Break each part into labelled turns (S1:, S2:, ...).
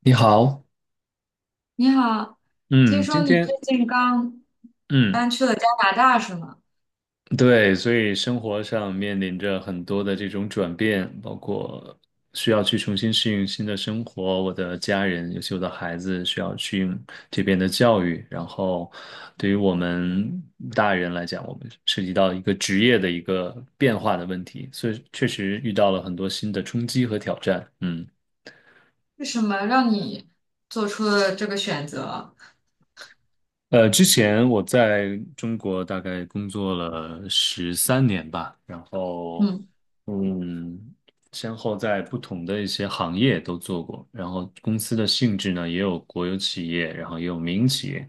S1: 你好，
S2: 你好，听
S1: 嗯，
S2: 说
S1: 今
S2: 你最
S1: 天，
S2: 近刚
S1: 嗯，
S2: 搬去了加拿大是吗？
S1: 对，所以生活上面临着很多的这种转变，包括需要去重新适应新的生活，我的家人，尤其我的孩子需要适应这边的教育，然后对于我们大人来讲，我们涉及到一个职业的一个变化的问题，所以确实遇到了很多新的冲击和挑战。
S2: 是什么让你做出了这个选择？
S1: 之前我在中国大概工作了13年吧，然后，
S2: 嗯
S1: 嗯，先后在不同的一些行业都做过，然后公司的性质呢，也有国有企业，然后也有民营企业，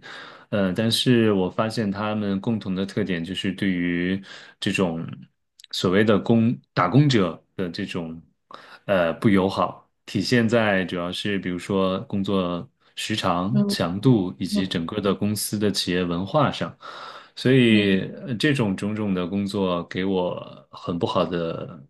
S1: 但是我发现他们共同的特点就是对于这种所谓的工打工者的这种不友好，体现在主要是比如说工作时长、
S2: 嗯
S1: 强度以及
S2: 嗯
S1: 整个的公司的企业文化上。所以
S2: 嗯
S1: 这种种种的工作给我很不好的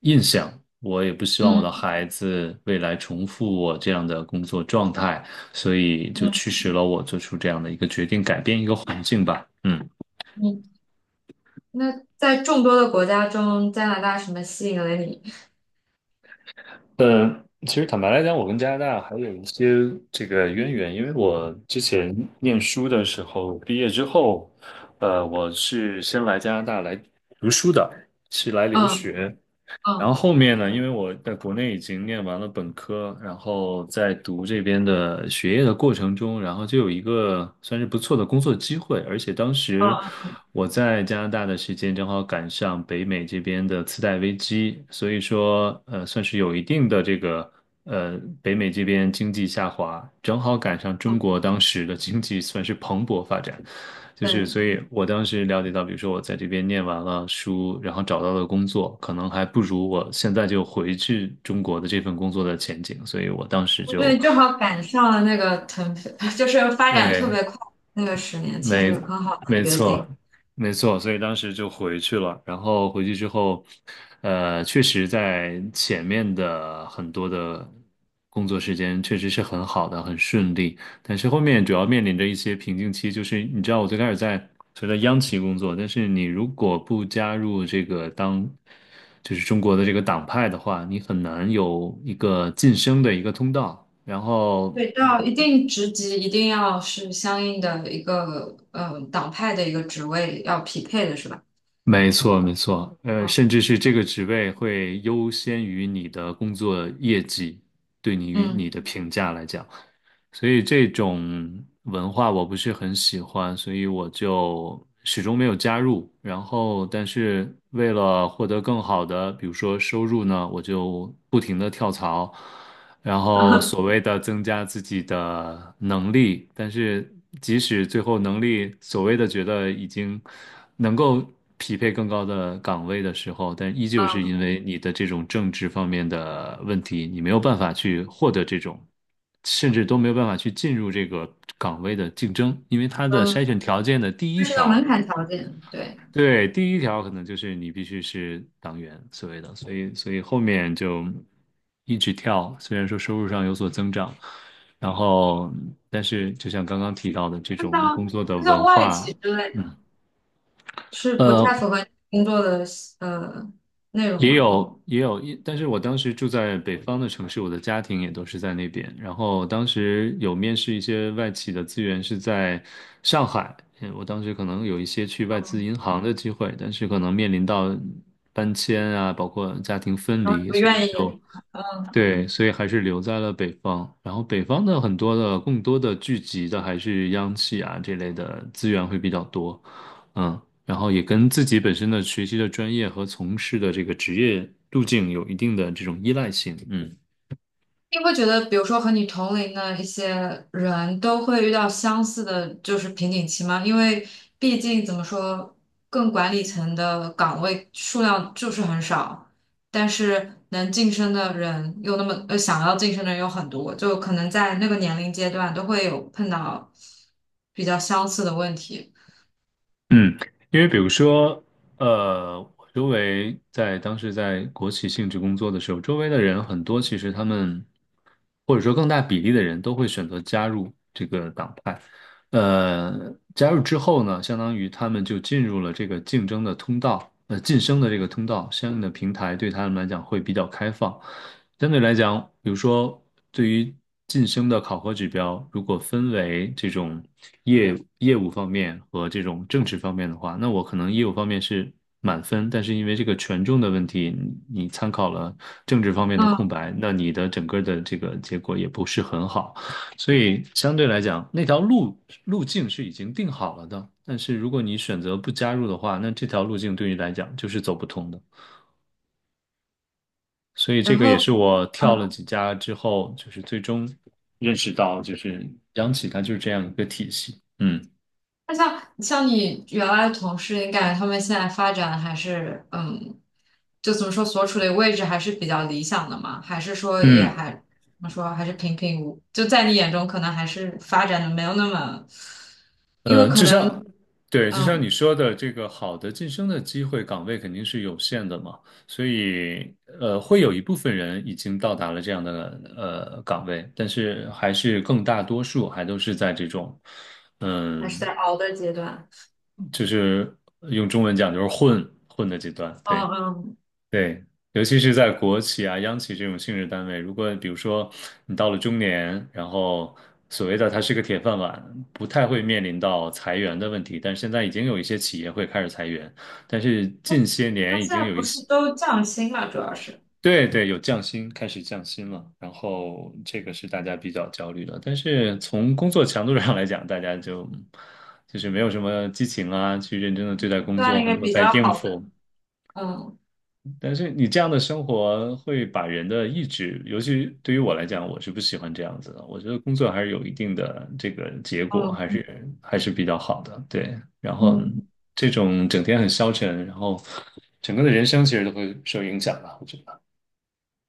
S1: 印象，我也不希望我的
S2: 嗯
S1: 孩子未来重复我这样的工作状态。所以就
S2: 嗯
S1: 驱使了我做出这样的一个决定，改变一个环境吧。嗯
S2: 嗯。那在众多的国家中，加拿大什么吸引了你？
S1: 嗯，其实坦白来讲，我跟加拿大还有一些这个渊源，因为我之前念书的时候，毕业之后，我是先来加拿大来读书的，是来留
S2: 嗯
S1: 学。然后
S2: 嗯
S1: 后面呢，因为我在国内已经念完了本科，然后在读这边的学业的过程中，然后就有一个算是不错的工作机会，而且当
S2: 嗯
S1: 时
S2: 嗯
S1: 我在加拿大的时间正好赶上北美这边的次贷危机，所以说算是有一定的这个北美这边经济下滑，正好赶上
S2: 嗯，
S1: 中国当时的经济算是蓬勃发展。就是，
S2: 对，
S1: 所以我当时了解到，比如说我在这边念完了书，然后找到了工作，可能还不如我现在就回去中国的这份工作的前景，所以我当时
S2: 我觉得
S1: 就，
S2: 你正好赶上了那个腾飞，就是发展特
S1: 对，
S2: 别快那个10年，其实
S1: 没
S2: 很好的
S1: 没
S2: 决
S1: 错，
S2: 定。
S1: 没错，所以当时就回去了。然后回去之后，确实在前面的很多的工作时间确实是很好的，很顺利。但是后面主要面临着一些瓶颈期，就是你知道，我最开始在所谓的央企工作，但是你如果不加入这个就是中国的这个党派的话，你很难有一个晋升的一个通道。然后
S2: 对，到一定职级一定要是相应的一个党派的一个职位要匹配的是吧？
S1: 没错，没错，甚
S2: 嗯
S1: 至是这个职位会优先于你的工作业绩，对你与你
S2: 嗯
S1: 的评价来讲，所以这种文化我不是很喜欢，所以我就始终没有加入。然后，但是为了获得更好的，比如说收入呢，我就不停的跳槽，然后所谓 的增加自己的能力，但是即使最后能力所谓的觉得已经能够匹配更高的岗位的时候，但依旧是
S2: 嗯
S1: 因为你的这种政治方面的问题，你没有办法去获得这种，甚至都没有办法去进入这个岗位的竞争，因为它的
S2: 嗯，
S1: 筛选条件的第一
S2: 它是个
S1: 条
S2: 门槛条件，对。
S1: 对，第一条可能就是你必须是党员所谓的，所以后面就一直跳，虽然说收入上有所增长，然后但是就像刚刚提到的这
S2: 那
S1: 种
S2: 像
S1: 工作的
S2: 那像
S1: 文
S2: 外企
S1: 化，
S2: 之类的，
S1: 嗯。
S2: 是不太
S1: 呃，
S2: 符合你工作的呃内容
S1: 也
S2: 吗？
S1: 有也有，但是我当时住在北方的城市，我的家庭也都是在那边。然后当时有面试一些外企的资源是在上海，我当时可能有一些去外资
S2: 嗯，
S1: 银行的机会，但是可能面临到搬迁啊，包括家庭分
S2: 然后
S1: 离，
S2: 不
S1: 所以
S2: 愿意
S1: 就
S2: 离开。
S1: 对，所以还是留在了北方。然后北方的很多的更多的聚集的还是央企啊这类的资源会比较多，嗯，然后也跟自己本身的学习的专业和从事的这个职业路径有一定的这种依赖性
S2: 你会觉得，比如说和你同龄的一些人都会遇到相似的，就是瓶颈期吗？因为毕竟怎么说，更管理层的岗位数量就是很少，但是能晋升的人又那么，想要晋升的人有很多，就可能在那个年龄阶段都会有碰到比较相似的问题。
S1: 嗯，因为比如说，我周围在当时在国企性质工作的时候，周围的人很多，其实他们或者说更大比例的人都会选择加入这个党派。加入之后呢，相当于他们就进入了这个竞争的通道，晋升的这个通道，相应的平台对他们来讲会比较开放。相对来讲，比如说对于晋升的考核指标，如果分为这种业业务方面和这种政治方面的话，那我可能业务方面是满分，但是因为这个权重的问题，你参考了政治方面的
S2: 嗯，
S1: 空白，那你的整个的这个结果也不是很好。所以相对来讲，那条路径是已经定好了的。但是如果你选择不加入的话，那这条路径对你来讲就是走不通的。所以这
S2: 然
S1: 个也
S2: 后。
S1: 是我跳了
S2: 嗯。
S1: 几家之后，就是最终认识到，就是央企它就是这样一个体系。嗯
S2: 那像你原来的同事，你感觉他们现在发展还是就怎么说所处的位置还是比较理想的嘛？还是说也
S1: 嗯。
S2: 还怎么说还是平平无？就在你眼中，可能还是发展的没有那么，因为
S1: 呃，
S2: 可
S1: 就
S2: 能
S1: 像，对，就像你
S2: 嗯
S1: 说的，这个好的晋升的机会岗位肯定是有限的嘛，所以会有一部分人已经到达了这样的岗位，但是还是更大多数还都是在这种，
S2: 还是
S1: 嗯，
S2: 在熬的阶段。
S1: 就是用中文讲就是混混的阶段，
S2: 嗯
S1: 对。
S2: 嗯，
S1: 对，尤其是在国企啊、央企这种性质单位，如果比如说你到了中年，然后所谓的它是个铁饭碗，不太会面临到裁员的问题。但是现在已经有一些企业会开始裁员，但是
S2: 他
S1: 近些
S2: 他
S1: 年已
S2: 现
S1: 经
S2: 在
S1: 有
S2: 不
S1: 一
S2: 是
S1: 些，
S2: 都降薪嘛？主要是
S1: 对对，有降薪，开始降薪了。然后这个是大家比较焦虑的。但是从工作强度上来讲，大家就是没有什么激情啊，去认真的对待工
S2: 算
S1: 作，
S2: 一
S1: 很
S2: 个
S1: 多
S2: 比
S1: 在
S2: 较
S1: 应
S2: 好的。
S1: 付。
S2: 嗯
S1: 但是你这样的生活会把人的意志，尤其对于我来讲，我是不喜欢这样子的。我觉得工作还是有一定的这个结果，
S2: 嗯
S1: 还是比较好的。对，然后
S2: 嗯。
S1: 这种整天很消沉，然后整个的人生其实都会受影响吧，我觉得。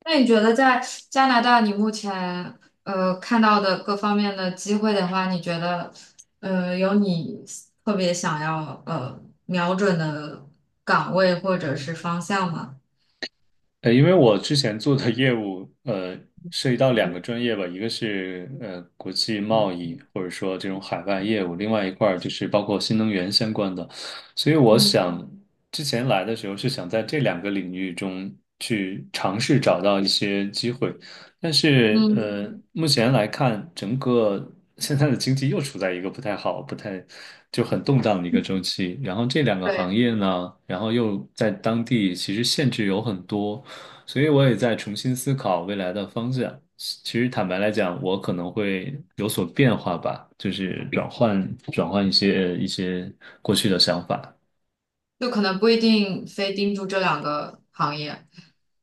S2: 那你觉得在加拿大，你目前看到的各方面的机会的话，你觉得有你特别想要瞄准的岗位或者是方向吗？
S1: 因为我之前做的业务，涉及到两个专业吧，一个是国际贸易，或者说这种海外业务，另外一块儿就是包括新能源相关的，所以我
S2: 嗯
S1: 想之前来的时候是想在这两个领域中去尝试找到一些机会，但是
S2: 嗯。
S1: 目前来看，整个现在的经济又处在一个不太好、不太就很动荡的一个周期。然后这两个行
S2: 对，
S1: 业呢，然后又在当地其实限制有很多，所以我也在重新思考未来的方向。其实坦白来讲，我可能会有所变化吧，就是转换一些过去的想法。
S2: 就可能不一定非盯住这两个行业。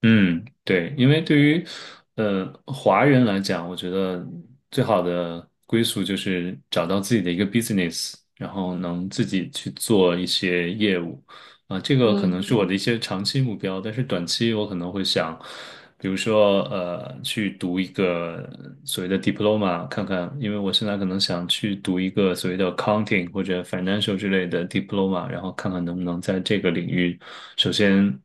S1: 嗯，对，因为对于华人来讲，我觉得最好的归宿就是找到自己的一个 business，然后能自己去做一些业务啊，这个可能
S2: 嗯
S1: 是我的一些长期目标，但是短期我可能会想，比如说去读一个所谓的 diploma，看看，因为我现在可能想去读一个所谓的 accounting 或者 financial 之类的 diploma，然后看看能不能在这个领域。首先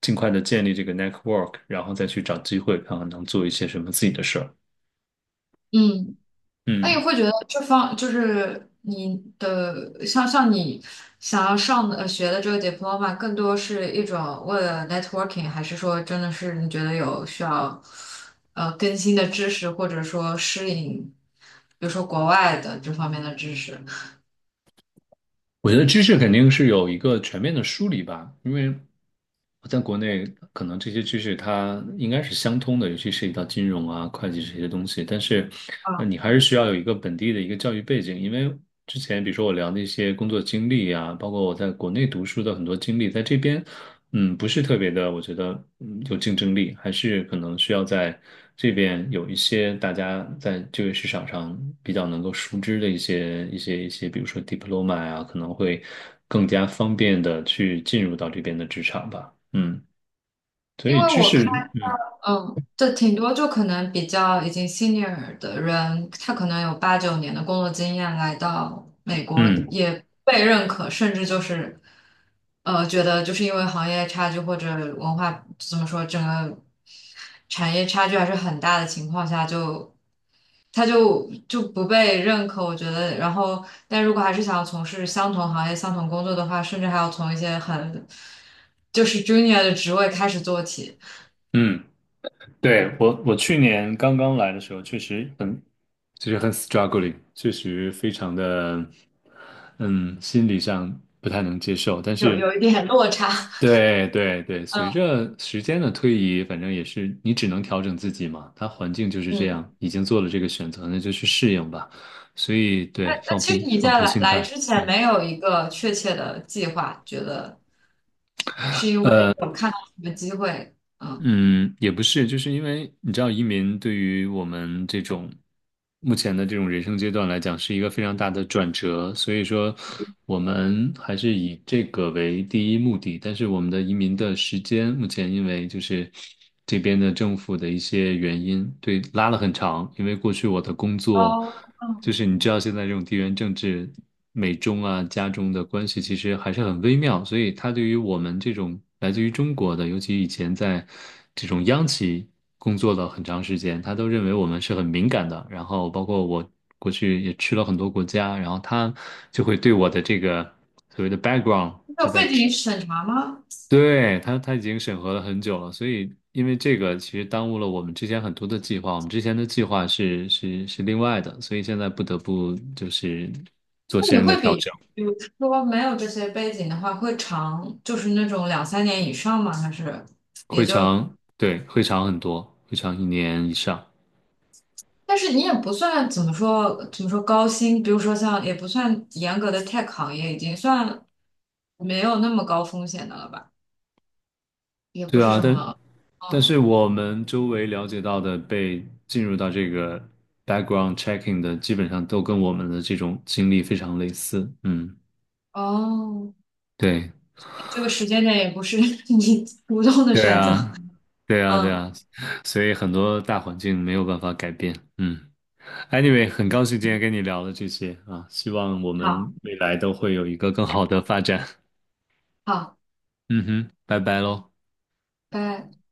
S1: 尽快的建立这个 network，然后再去找机会，看看能做一些什么自己的事儿。
S2: 嗯。那
S1: 嗯，
S2: 你会觉得这方就是你的，像你想要上的学的这个 diploma，更多是一种为了 networking，还是说真的是你觉得有需要更新的知识，或者说适应，比如说国外的这方面的知识？
S1: 我觉得知识肯定是有一个全面的梳理吧，因为我在国内可能这些知识它应该是相通的，尤其涉及到金融啊、会计这些东西。但是，
S2: 啊，
S1: 你还是需要有一个本地的一个教育背景，因为之前比如说我聊那些工作经历啊，包括我在国内读书的很多经历，在这边嗯，不是特别的，我觉得有竞争力，还是可能需要在这边有一些大家在这个市场上比较能够熟知的一些，比如说 diploma 啊，可能会更加方便的去进入到这边的职场吧。嗯，所
S2: 因
S1: 以
S2: 为
S1: 知
S2: 我看。
S1: 识，
S2: 嗯，这挺多，就可能比较已经 senior 的人，他可能有8、9年的工作经验，来到美国
S1: 嗯
S2: 也被认可，甚至就是，觉得就是因为行业差距或者文化怎么说，整个产业差距还是很大的情况下就，他就不被认可，我觉得。然后，但如果还是想要从事相同行业、相同工作的话，甚至还要从一些很就是 junior 的职位开始做起。
S1: 嗯，对，我去年刚刚来的时候，确实很就是很 struggling，确实非常的，嗯，心理上不太能接受，但
S2: 有
S1: 是。
S2: 有一点落差。
S1: 对对对，随
S2: 嗯
S1: 着时间的推移，反正也是你只能调整自己嘛。他环境就是这
S2: 嗯。
S1: 样，已经做了这个选择，那就去适应吧。所以
S2: 那
S1: 对，
S2: 那
S1: 放
S2: 其
S1: 平
S2: 实你
S1: 放
S2: 在
S1: 平
S2: 来
S1: 心
S2: 来
S1: 态。
S2: 之前
S1: 嗯。
S2: 没有一个确切的计划，觉得是因为有看到什么机会，嗯，
S1: 嗯，也不是，就是因为你知道，移民对于我们这种目前的这种人生阶段来讲，是一个非常大的转折，所以说我们还是以这个为第一目的。但是我们的移民的时间，目前因为就是这边的政府的一些原因，对，拉了很长。因为过去我的工作。
S2: 哦，
S1: 就
S2: 嗯，
S1: 是你知道现在这种地缘政治，美中啊、加中的关系其实还是很微妙，所以他对于我们这种来自于中国的，尤其以前在这种央企工作了很长时间，他都认为我们是很敏感的。然后包括我过去也去了很多国家，然后他就会对我的这个所谓的 background，他
S2: 有
S1: 在
S2: 背景审查吗？
S1: 对，他已经审核了很久了，所以因为这个其实耽误了我们之前很多的计划，我们之前的计划是另外的，所以现在不得不就是做
S2: 那你
S1: 相应的
S2: 会
S1: 调
S2: 比，
S1: 整，
S2: 比如说没有这些背景的话，会长，就是那种2、3年以上吗？还是也
S1: 会
S2: 就？
S1: 长，对，会长很多，会长一年以上，
S2: 但是你也不算怎么说高薪，比如说像也不算严格的 tech 行业，已经算没有那么高风险的了吧？也不
S1: 对
S2: 是
S1: 啊，
S2: 什么，
S1: 但是
S2: 嗯，
S1: 我们周围了解到的被进入到这个 background checking 的，基本上都跟我们的这种经历非常类似，嗯，
S2: 哦，
S1: 对，
S2: 这个时间点也不是 你主动的
S1: 对
S2: 选择，
S1: 啊。对啊，对
S2: 嗯，
S1: 啊，所以很多大环境没有办法改变。嗯，anyway，很高兴今天跟你聊了这些啊，希望我
S2: 好，
S1: 们未来都会有一个更好的发展。
S2: 好，
S1: 嗯哼，拜拜喽。
S2: 拜。